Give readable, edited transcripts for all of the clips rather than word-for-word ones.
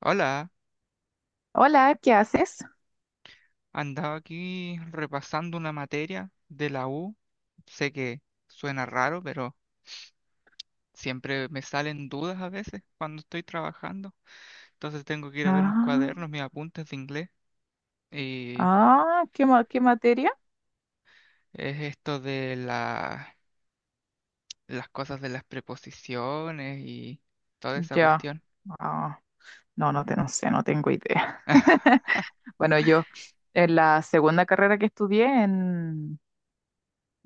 Hola, Hola, ¿qué haces? andaba aquí repasando una materia de la U. Sé que suena raro, pero siempre me salen dudas a veces cuando estoy trabajando. Entonces tengo que ir a ver mis Ah, cuadernos, mis apuntes de inglés. Y qué materia? es esto de las cosas de las preposiciones y toda esa Ya. cuestión. Ah, no sé, no tengo idea. Bueno, yo en la segunda carrera que estudié en,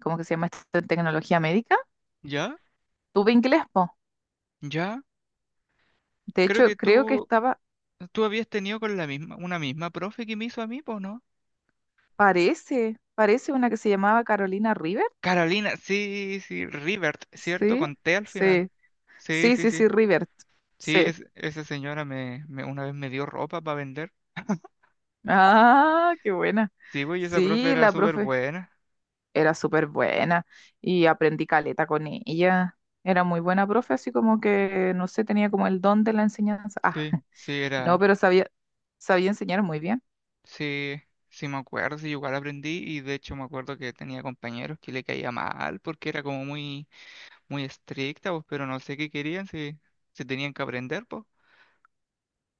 ¿cómo que se llama esto? En tecnología médica, ¿Ya? tuve inglés, po. ¿Ya? De Creo hecho, que creo que tú, estaba, tú habías tenido con la misma, una misma profe que me hizo a mí, ¿po no? parece una que se llamaba Carolina River. Carolina, sí, sí, Rivert, ¿cierto? Sí, Con T al final. sí, Sí, sí, sí, sí, sí. sí, River. Sí, Sí. Esa señora una vez me dio ropa para vender. Ah, qué buena. Sí, güey, esa profe Sí, era la súper profe buena. era súper buena y aprendí caleta con ella. Era muy buena profe, así como que, no sé, tenía como el don de la enseñanza. Ah, Sí, sí, no, era. pero sabía, sabía enseñar muy bien. Sí, sí me acuerdo, sí, igual aprendí y de hecho me acuerdo que tenía compañeros que le caía mal porque era como muy, muy estricta, pues, pero no sé qué querían, si, si tenían que aprender, pues.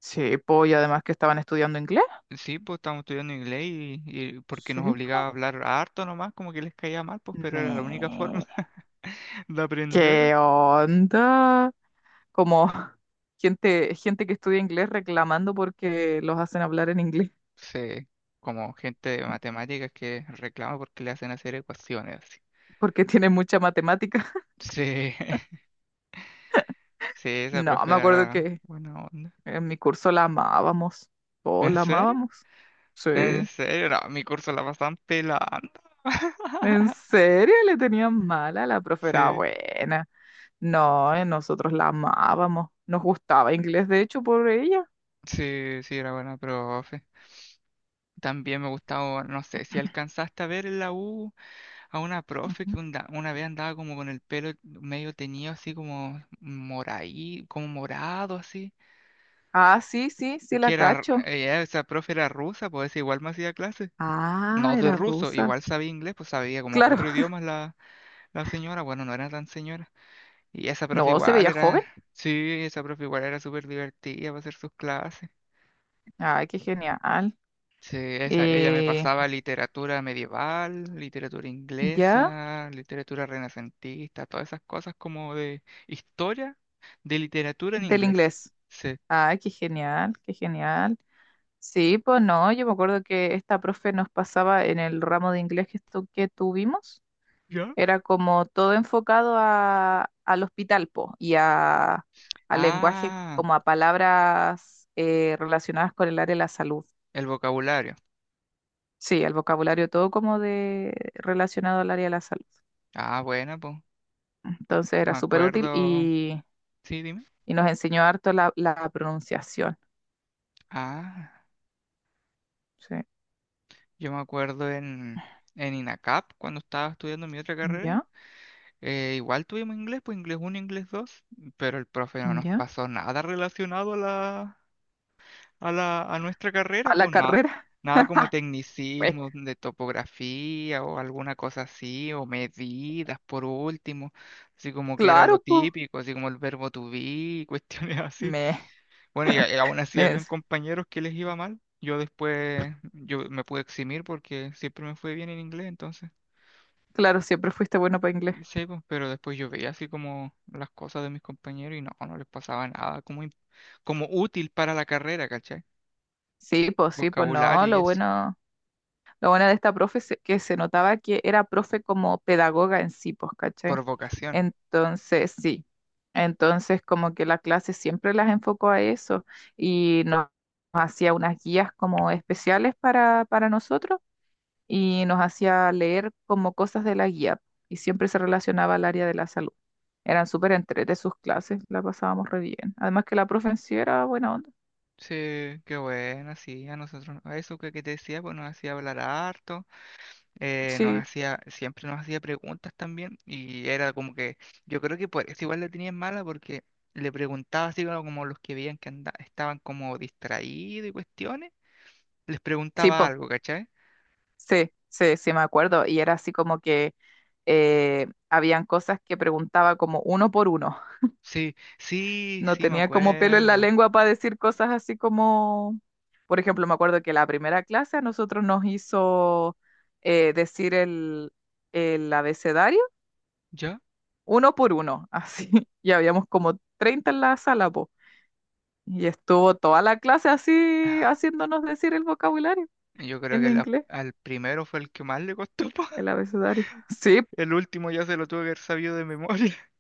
Sí, po, y además que estaban estudiando inglés. Sí, pues estábamos estudiando inglés y porque nos Sí, obligaba a po. hablar harto nomás, como que les caía mal, pues, pero era la única forma Me... de aprender, ¿Qué onda? Como gente que estudia inglés reclamando porque los hacen hablar en inglés, sí, como gente de matemáticas que reclama porque le hacen hacer ecuaciones así. porque tienen mucha matemática. Sí, sí, esa No, profe me acuerdo era que buena onda. en mi curso la amábamos. Oh, ¿En la serio? amábamos. Sí. ¿En serio? No, mi curso la pasaban pelando. ¿En serio le tenían mala? La profe era Sí, buena. No, nosotros la amábamos. Nos gustaba inglés, de hecho, por ella. sí, sí, era buena profe. También me gustaba, no sé, si alcanzaste a ver en la U a una profe Ujú. que una vez andaba como con el pelo medio teñido, así como moraí, como morado, así. Ah, sí, sí, sí la Que era, cacho. ella, esa profe era rusa, pues igual me hacía clases. Ah, No de era ruso, rusa. igual sabía inglés, pues sabía como Claro. cuatro idiomas la señora, bueno, no era tan señora. Y esa profe No, se igual veía joven. era, sí, esa profe igual era súper divertida para hacer sus clases. Ay, qué genial. Sí, esa, ella me Eh, pasaba literatura medieval, literatura ya, inglesa, literatura renacentista, todas esas cosas como de historia de literatura en del inglés. inglés. Sí. Ay, qué genial, qué genial. Sí, pues no, yo me acuerdo que esta profe nos pasaba en el ramo de inglés que tuvimos. ¿Ya? Era como todo enfocado a, al hospital, po, y a, al lenguaje, Ah, como a palabras relacionadas con el área de la salud. el vocabulario. Sí, al vocabulario todo como de relacionado al área de la salud. Ah, bueno, pues. Entonces era Me súper útil acuerdo. Sí, dime. y nos enseñó harto la, la pronunciación. Ah, Sí. yo me acuerdo en INACAP cuando estaba estudiando mi otra carrera. ¿Ya? Igual tuvimos inglés, pues inglés uno inglés dos, pero el profe no nos ¿Ya? pasó nada relacionado a a nuestra carrera, A la pues nada, carrera. nada como Pues tecnicismos de topografía o alguna cosa así, o medidas por último, así como que era lo claro, pues. típico, así como el verbo to be, y cuestiones así. Me. Bueno, y aún así habían Les- compañeros que les iba mal. Yo después, yo me pude eximir porque siempre me fue bien en inglés, entonces, Claro, siempre fuiste bueno para inglés. sí, pues, pero después yo veía así como las cosas de mis compañeros y no, no les pasaba nada como útil para la carrera, ¿cachai? Sí, pues no, Vocabulario y lo eso, bueno. Lo bueno de esta profe es que se notaba que era profe como pedagoga en sí, pues, ¿cachai? por vocación. Entonces, sí. Entonces, como que la clase siempre las enfocó a eso y nos hacía unas guías como especiales para nosotros y nos hacía leer como cosas de la guía y siempre se relacionaba al área de la salud. Eran súper entre sus clases, la pasábamos re bien. Además que la profe en sí era buena onda. Sí, qué bueno, sí, a nosotros, a eso que te decía, pues nos hacía hablar harto. Nos Sí, hacía, siempre nos hacía preguntas también y era como que, yo creo que por eso igual la tenían mala porque le preguntaba así como, como los que veían que estaban como distraídos y cuestiones, les sí, preguntaba pues. algo, ¿cachai? Sí, sí, sí, me acuerdo. Y era así como que habían cosas que preguntaba como uno por uno. Sí, sí, No sí, me tenía como pelo en la acuerdo. lengua para decir cosas así como, por ejemplo, me acuerdo que la primera clase a nosotros nos hizo decir el abecedario ¿Yo? uno por uno, así. Y habíamos como 30 en la sala, po. Y estuvo toda la clase así haciéndonos decir el vocabulario Yo creo en que inglés, al primero fue el que más le costó, po. el abecedario. Sí, El último ya se lo tuve que haber sabido de memoria.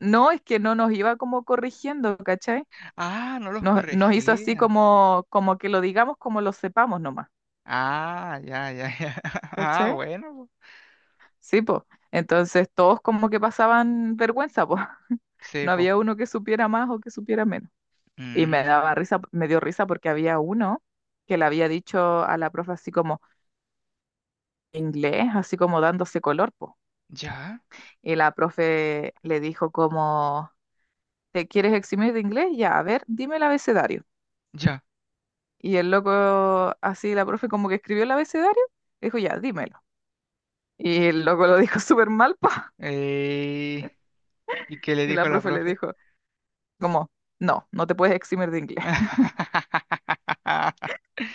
no, es que no nos iba como corrigiendo, ¿cachai? Ah, no los Nos hizo así corregía. como, como que lo digamos como lo sepamos nomás, Ah, ya, ya, ya. Ah, ¿cachai? bueno, po. Sí, pues. Entonces todos como que pasaban vergüenza, pues. Sí, No po. había uno que supiera más o que supiera menos. Y me daba Mm, risa, me dio risa porque había uno que le había dicho a la profe así como inglés, así como dándose color, po. ya. Y la profe le dijo como, ¿te quieres eximir de inglés? Ya, a ver, dime el abecedario. Ya. Y el loco, así la profe como que escribió el abecedario, dijo, ya, dímelo. Y el loco lo dijo súper mal, pa. Eh, ¿Y qué le Y la dijo la profe le profe? dijo, como, no, no te puedes eximir de inglés.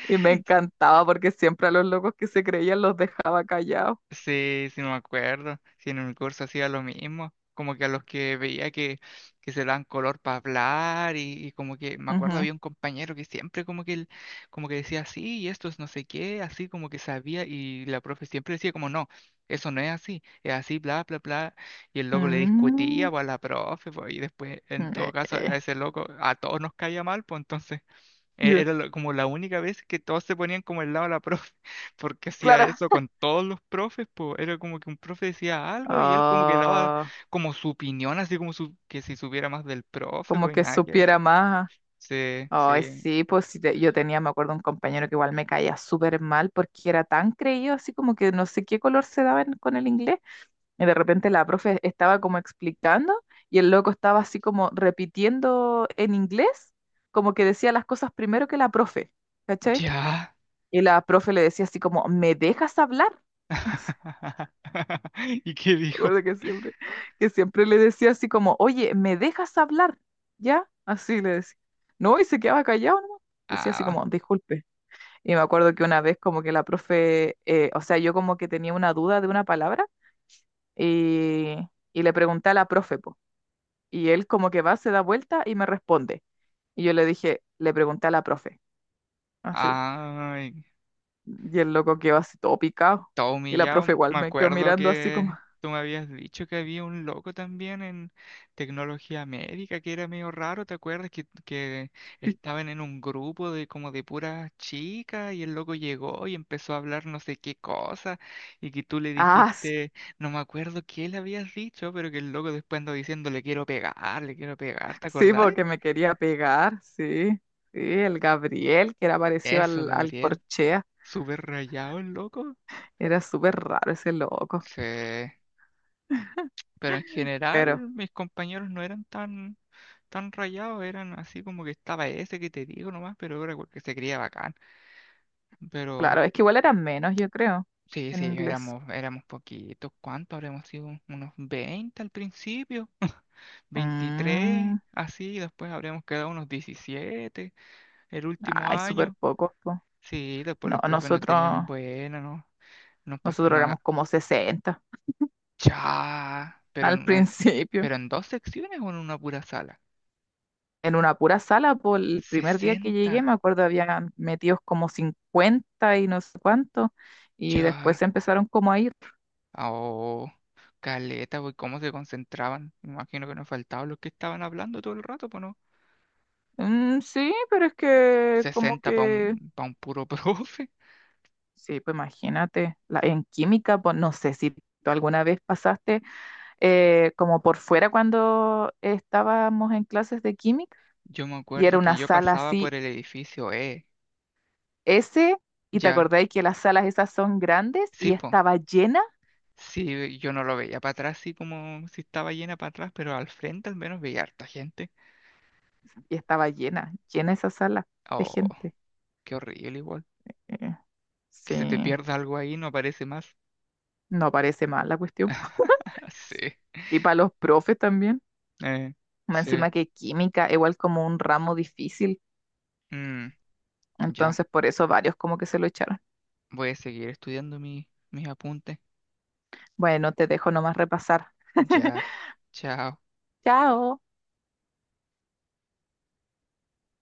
Y me encantaba porque siempre a los locos que se creían los dejaba callados. Sí, sí me acuerdo. Sí, en un curso hacía lo mismo. Como que a los que veía que se daban color para hablar y como que me acuerdo Ujú. había un compañero que siempre como que, como que decía así y esto es no sé qué, así como que sabía y la profe siempre decía como no, eso no es así, es así, bla, bla, bla. Y el loco le Mm, discutía pues, a la profe pues, y después en todo eh, caso eh. a ese loco a todos nos caía mal, pues entonces… Ya, Como la única vez que todos se ponían como el lado de la profe, porque hacía claro. eso con todos los profes, pues era como que un profe decía algo y él como que daba Ah, como su opinión, así como su, que si supiera más del profe, como pues que nada que ver. supiera más. Sí, Ay, sí. sí, pues sí, te- yo tenía, me acuerdo, un compañero que igual me caía súper mal porque era tan creído, así como que no sé qué color se daba en- con el inglés. Y de repente la profe estaba como explicando y el loco estaba así como repitiendo en inglés, como que decía las cosas primero que la profe, ¿cachai? Ya. Y la profe le decía así como, ¿me dejas hablar? Así, ¿Y qué me dijo? acuerdo que siempre le decía así como, oye, ¿me dejas hablar? ¿Ya? Así le decía. No, y se quedaba callado, ¿no? Decía así Ah, como, disculpe. Y me acuerdo que una vez como que la profe, o sea, yo como que tenía una duda de una palabra y, y le pregunté a la profe, po. Y él como que va, se da vuelta y me responde. Y yo le dije, le pregunté a la profe, así. ay, Y el loco quedó así todo picado. todo Y la humillado. profe igual Me me quedó acuerdo mirando así como, que tú me habías dicho que había un loco también en tecnología médica que era medio raro, ¿te acuerdas? Que estaban en un grupo de como de puras chicas y el loco llegó y empezó a hablar no sé qué cosa y que tú le ah, sí, dijiste, no me acuerdo qué le habías dicho, pero que el loco después andó diciendo, le quiero pegar, ¿te sí, acordás? porque me quería pegar, sí. Sí, el Gabriel, que era parecido Eso, al, al Gabriel. Corchea. Súper rayado el loco. Era súper raro ese loco. Sí. Pero en Pero, general mis compañeros no eran tan, tan rayados, eran así como que estaba ese que te digo nomás, pero era que se creía bacán. Pero claro, es que igual eran menos, yo creo, sí, en sí, inglés. Éramos poquitos. ¿Cuántos habremos sido? Unos 20 al principio, 23 Mm, así, después habremos quedado unos 17 el último ay, súper año. pocos, po. Sí, después No, los profes nos tenían nosotros, buena, ¿no? Nos pasaban, nosotros no, éramos como 60 ya, pero al principio. pero en dos secciones o en una pura sala. En una pura sala, por el primer día que 60. llegué, me acuerdo, habían metidos como 50 y no sé cuánto, y después Ya, se empezaron como a ir. oh, caleta, güey, cómo se concentraban. Me imagino que nos faltaban los que estaban hablando todo el rato, pues no. "Mm, sí, pero es que como 60 para que, pa un puro profe. sí, pues imagínate, la, en química, pues no sé si tú alguna vez pasaste como por fuera cuando estábamos en clases de química, Yo me y era acuerdo que una yo sala pasaba por así, el edificio E. S, y te Ya, acordáis que las salas esas son grandes sí, po. Sí, yo no lo veía para atrás, sí, como si estaba llena para atrás, pero al frente al menos veía harta gente. y estaba llena, llena esa sala de Oh, gente. qué horrible, igual. Eh, Que se te sí, pierda algo ahí, no aparece más. no parece mal la cuestión. Po. Sí, Y para los profes también, eh, más sí. encima que química, igual como un ramo difícil. Mm, ya, Entonces por eso varios como que se lo echaron. voy a seguir estudiando mi, mis apuntes. Bueno, te dejo nomás repasar. Ya, chao. Chao.